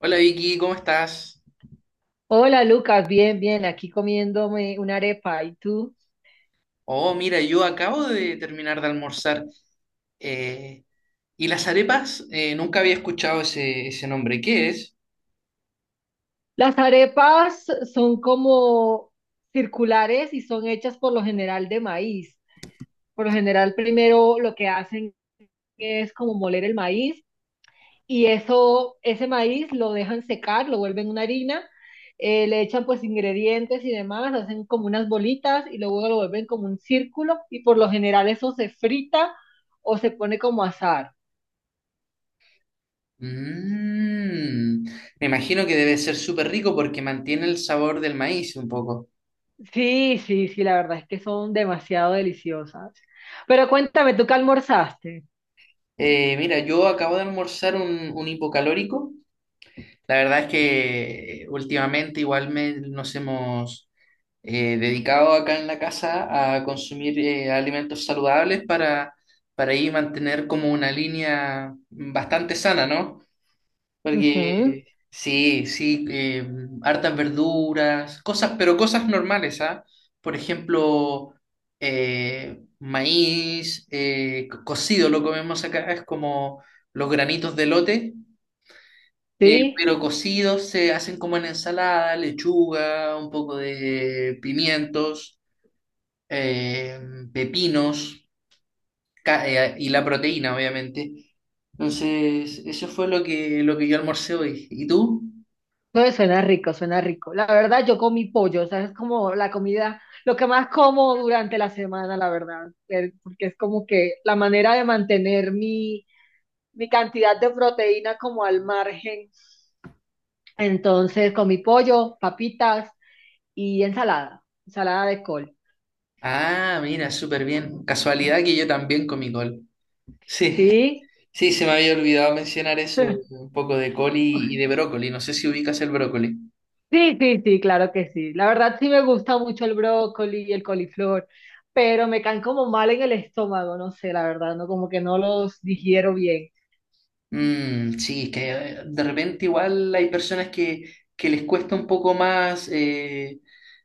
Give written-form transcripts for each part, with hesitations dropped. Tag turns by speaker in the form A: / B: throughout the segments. A: Hola Vicky, ¿cómo estás?
B: Hola Lucas, bien, bien, aquí comiéndome una arepa. ¿Y tú?
A: Oh, mira, yo acabo de terminar de almorzar. Eh, ¿Y las arepas? Nunca había escuchado ese nombre. ¿Qué es?
B: Las arepas son como circulares y son hechas por lo general de maíz. Por lo general, primero lo que hacen es como moler el maíz y eso, ese maíz lo dejan secar, lo vuelven una harina, le echan pues ingredientes y demás, hacen como unas bolitas y luego lo vuelven como un círculo y por lo general eso se frita o se pone como asar.
A: Mm, Me imagino que debe ser súper rico porque mantiene el sabor del maíz un poco.
B: Sí, sí, sí, la verdad es que son demasiado deliciosas. Pero cuéntame, ¿tú qué almorzaste?
A: Mira, yo acabo de almorzar un hipocalórico. La verdad es que últimamente igual nos hemos dedicado acá en la casa a consumir alimentos saludables para ahí mantener como una línea bastante sana, ¿no?
B: Ujú.
A: Porque sí, sí, hartas verduras, cosas, pero cosas normales, ¿ah? Por ejemplo, maíz, cocido lo comemos acá, es como los granitos de lote.
B: Sí,
A: Pero cocidos se hacen como en ensalada, lechuga, un poco de pimientos, eh, pepinos y la proteína, obviamente. Entonces, eso fue lo que yo almorcé hoy. ¿Y tú?
B: no, suena rico, suena rico. La verdad, yo comí pollo, o sea, es como la comida, lo que más como durante la semana, la verdad, porque es como que la manera de mantener mi cantidad de proteína como al margen. Entonces, comí pollo, papitas y ensalada, ensalada de col.
A: Ah, mira, súper bien. Casualidad que yo también comí col. Sí,
B: Sí.
A: sí, se me había olvidado mencionar eso, un poco de col y de brócoli. No sé si ubicas el brócoli.
B: Sí, sí, sí, claro que sí. La verdad sí me gusta mucho el brócoli y el coliflor, pero me caen como mal en el estómago, no sé, la verdad, no como que no los digiero bien.
A: Mm, sí, es que de repente igual hay personas que les cuesta un poco más,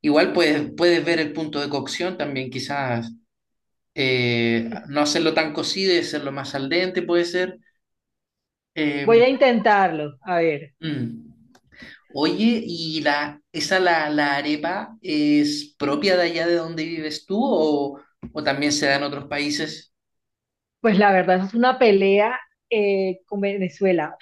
A: igual puedes ver el punto de cocción también, quizás no hacerlo tan cocido y hacerlo más al dente puede ser. Eh,
B: Voy a intentarlo, a ver.
A: mm. Oye, ¿y la arepa es propia de allá de donde vives tú o también se da en otros países?
B: Pues la verdad, eso es una pelea con Venezuela,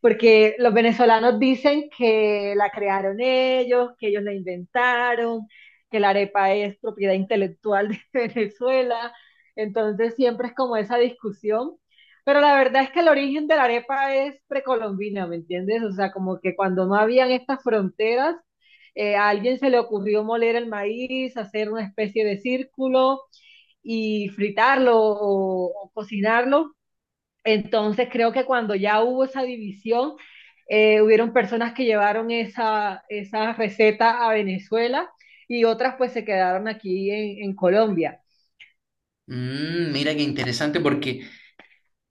B: porque los venezolanos dicen que la crearon ellos, que ellos la inventaron, que la arepa es propiedad intelectual de Venezuela, entonces siempre es como esa discusión, pero la verdad es que el origen de la arepa es precolombina, ¿me entiendes? O sea, como que cuando no habían estas fronteras, a alguien se le ocurrió moler el maíz, hacer una especie de círculo y fritarlo o cocinarlo. Entonces creo que cuando ya hubo esa división, hubieron personas que llevaron esa receta a Venezuela y otras pues se quedaron aquí en Colombia.
A: Mira qué interesante porque.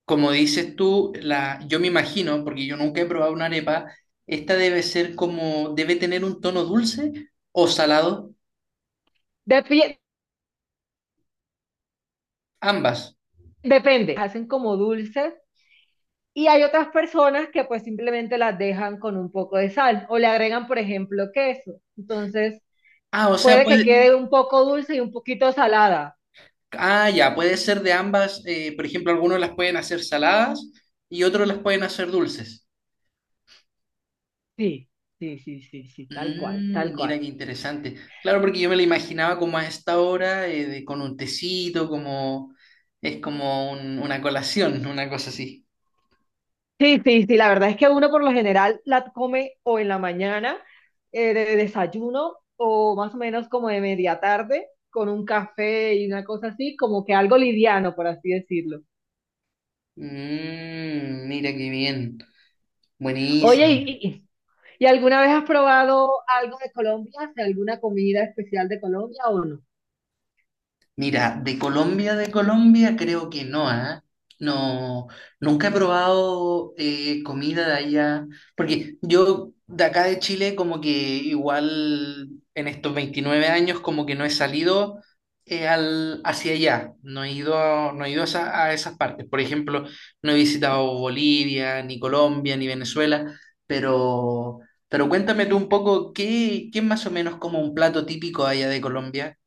A: Como dices tú, yo me imagino, porque yo nunca he probado una arepa, esta debe ser como, debe tener un tono dulce o salado,
B: Dep-
A: ambas.
B: Depende, hacen como dulces y hay otras personas que pues simplemente las dejan con un poco de sal o le agregan, por ejemplo, queso. Entonces
A: Ah, o sea,
B: puede que quede un poco dulce y un poquito salada.
A: ah, ya, puede ser de ambas, por ejemplo, algunos las pueden hacer saladas y otros las pueden hacer dulces.
B: Sí, sí, sí, sí, sí, tal cual, tal
A: Mira
B: cual.
A: qué interesante. Claro, porque yo me la imaginaba como a esta hora, con un tecito, como, es como una colación, una cosa así.
B: Sí, sí, sí, la verdad es que uno por lo general la come o en la mañana, de desayuno o más o menos como de media tarde con un café y una cosa así, como que algo liviano, por así decirlo.
A: Mira qué bien.
B: Oye,
A: Buenísimo.
B: ¿y, y alguna vez has probado algo de Colombia? ¿Hace alguna comida especial de Colombia o no?
A: Mira, de Colombia creo que no, ¿ah? No, nunca he probado comida de allá, porque yo de acá de Chile como que igual en estos 29 años como que no he salido hacia allá, no he ido, a esas partes. Por ejemplo, no he visitado Bolivia, ni Colombia, ni Venezuela, pero, pero cuéntame tú un poco, ¿qué más o menos como un plato típico allá de Colombia?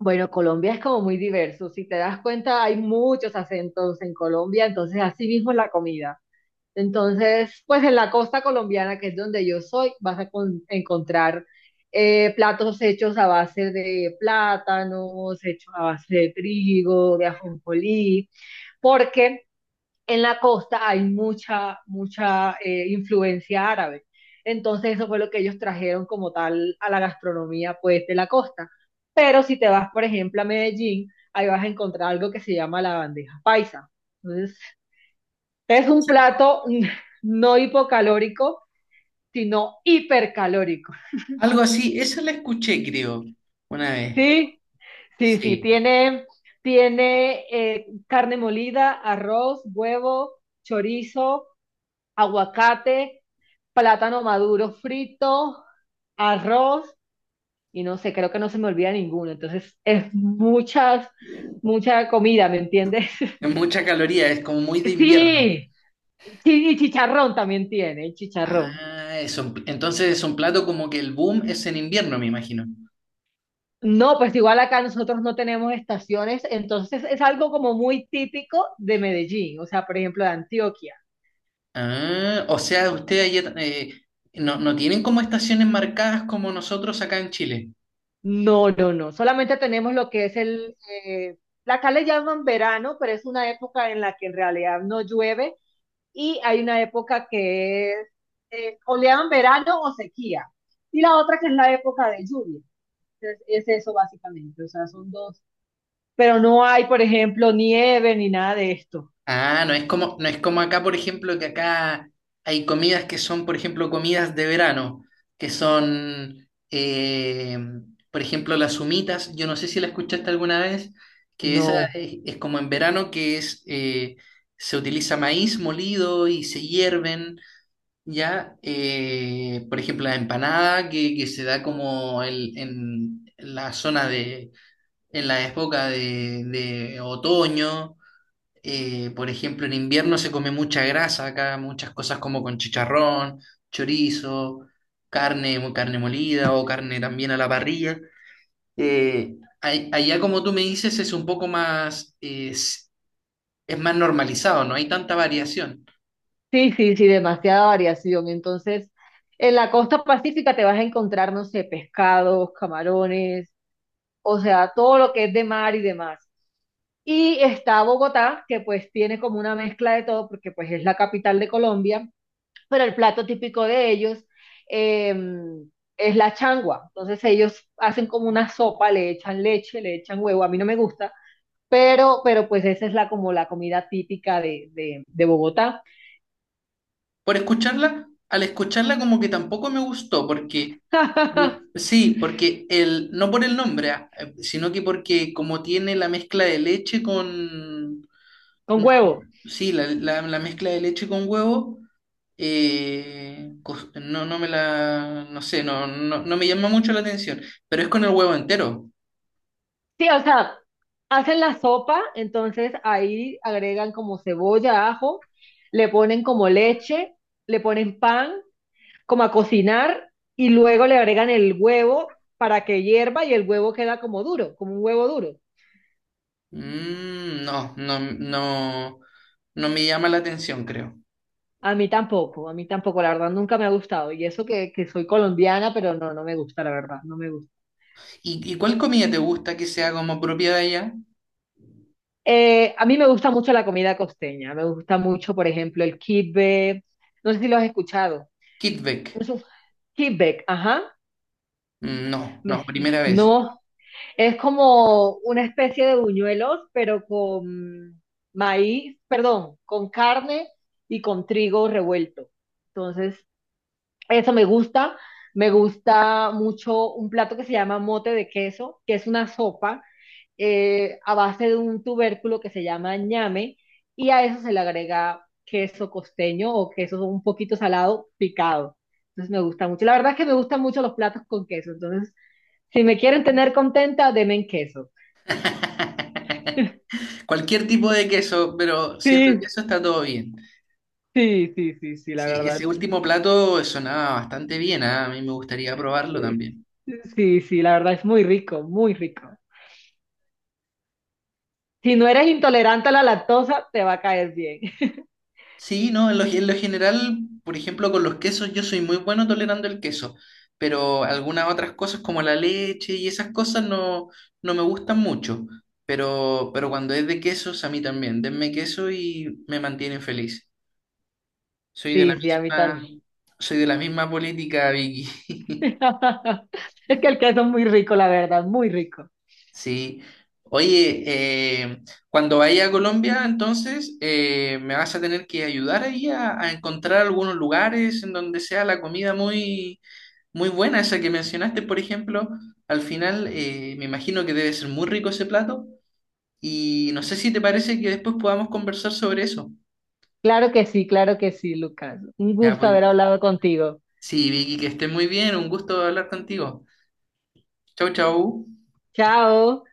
B: Bueno, Colombia es como muy diverso, si te das cuenta hay muchos acentos en Colombia, entonces así mismo es la comida. Entonces, pues en la costa colombiana, que es donde yo soy, vas a encontrar platos hechos a base de plátanos, hechos a base de trigo, de ajonjolí, porque en la costa hay mucha, mucha influencia árabe. Entonces, eso fue lo que ellos trajeron como tal a la gastronomía, pues, de la costa. Pero si te vas, por ejemplo, a Medellín, ahí vas a encontrar algo que se llama la bandeja paisa. Entonces, es un plato no hipocalórico, sino hipercalórico.
A: Algo así, eso la escuché, creo, una vez.
B: Sí, sí, sí,
A: Sí,
B: tiene, tiene carne molida, arroz, huevo, chorizo, aguacate, plátano maduro frito, arroz y no sé, creo que no se me olvida ninguno. Entonces, es mucha comida, ¿me entiendes?
A: es mucha caloría, es como muy de invierno.
B: Sí, sí, y chicharrón también tiene, chicharrón.
A: Ah, entonces es un plato como que el boom es en invierno, me imagino.
B: No, pues igual acá nosotros no tenemos estaciones, entonces es algo como muy típico de Medellín, o sea, por ejemplo, de Antioquia.
A: Ah, o sea, ustedes allá, no, no tienen como estaciones marcadas como nosotros acá en Chile.
B: No, no, no, solamente tenemos lo que es eh, acá le llaman verano, pero es una época en la que en realidad no llueve y hay una época que es, o le llaman verano o sequía, y la otra que es la época de lluvia. Entonces, es eso básicamente, o sea, son dos, pero no hay, por ejemplo, nieve ni nada de esto.
A: Ah, no es como acá, por ejemplo, que acá hay comidas que son, por ejemplo, comidas de verano, que son, por ejemplo, las humitas. Yo no sé si la escuchaste alguna vez, que esa
B: No.
A: es como en verano, que es, se utiliza maíz molido y se hierven, ¿ya? Por ejemplo, la empanada, que se da como en la zona en la época de otoño. Por ejemplo, en invierno se come mucha grasa acá, muchas cosas como con chicharrón, chorizo, carne molida o carne también a la parrilla. Eh, Allá, como tú me dices, es un poco más, es más normalizado, no hay tanta variación.
B: Sí, sí, sí, demasiada variación. Entonces, en la costa pacífica te vas a encontrar, no sé, pescados, camarones, o sea, todo lo que es de mar y demás. Y está Bogotá, que pues tiene como una mezcla de todo, porque pues es la capital de Colombia, pero el plato típico de ellos eh, es la changua. Entonces ellos hacen como una sopa, le echan leche, le echan huevo, a mí no me gusta, pero pues esa es la como la comida típica de Bogotá.
A: Por escucharla, al escucharla como que tampoco me gustó, porque, sí, porque no por el nombre, ah, sino que porque como tiene la mezcla de leche con.
B: Con huevo.
A: Sí, la mezcla de leche con huevo, no, no me la, no sé, no, no, no me llama mucho la atención, pero es con el huevo entero.
B: Sí, o sea, hacen la sopa, entonces ahí agregan como cebolla, ajo, le ponen como leche, le ponen pan, como a cocinar, y luego le agregan el huevo para que hierva y el huevo queda como duro, como un huevo duro.
A: Mm, no, no, no, no me llama la atención, creo.
B: A mí tampoco, la verdad nunca me ha gustado. Y eso que soy colombiana, pero no, no me gusta, la verdad, no me gusta.
A: ¿Y cuál comida te gusta que sea como propia de allá?
B: A mí me gusta mucho la comida costeña, me gusta mucho, por ejemplo, el kibbe, no sé si lo has escuchado.
A: Kitvek.
B: Es un feedback, ajá.
A: Mm, no, no,
B: Me-
A: primera vez.
B: no, es como una especie de buñuelos, pero con maíz, perdón, con carne y con trigo revuelto. Entonces, eso me gusta. Me gusta mucho un plato que se llama mote de queso, que es una sopa a base de un tubérculo que se llama ñame y a eso se le agrega queso costeño o queso un poquito salado picado. Entonces me gusta mucho. La verdad es que me gustan mucho los platos con queso. Entonces, si me quieren tener contenta, denme en queso.
A: Cualquier tipo de queso, pero siendo
B: Sí,
A: queso está todo bien.
B: sí, sí, sí, sí, la
A: Sí, ese
B: verdad.
A: último plato sonaba bastante bien, ah, a mí me gustaría probarlo
B: Sí,
A: también.
B: sí, sí, la verdad es muy rico, muy rico. Si no eres intolerante a la lactosa, te va a caer bien.
A: Sí, no, en lo general, por ejemplo, con los quesos yo soy muy bueno tolerando el queso, pero algunas otras cosas como la leche y esas cosas no, no me gustan mucho, pero cuando es de quesos a mí también, denme queso y me mantienen feliz. Soy de la
B: Sí, sí, a mí también.
A: misma, soy de la misma política, Vicky.
B: Es que el queso es muy rico, la verdad, muy rico.
A: Sí. Oye, eh, cuando vaya a Colombia, entonces me vas a tener que ayudar ahí a encontrar algunos lugares en donde sea la comida muy, muy buena, esa que mencionaste, por ejemplo. Al final, me imagino que debe ser muy rico ese plato. Y no sé si te parece que después podamos conversar sobre eso.
B: Claro que sí, Lucas. Un
A: Ya,
B: gusto
A: pues.
B: haber hablado contigo.
A: Sí, Vicky, que estés muy bien. Un gusto hablar contigo. Chau, chau.
B: Chao.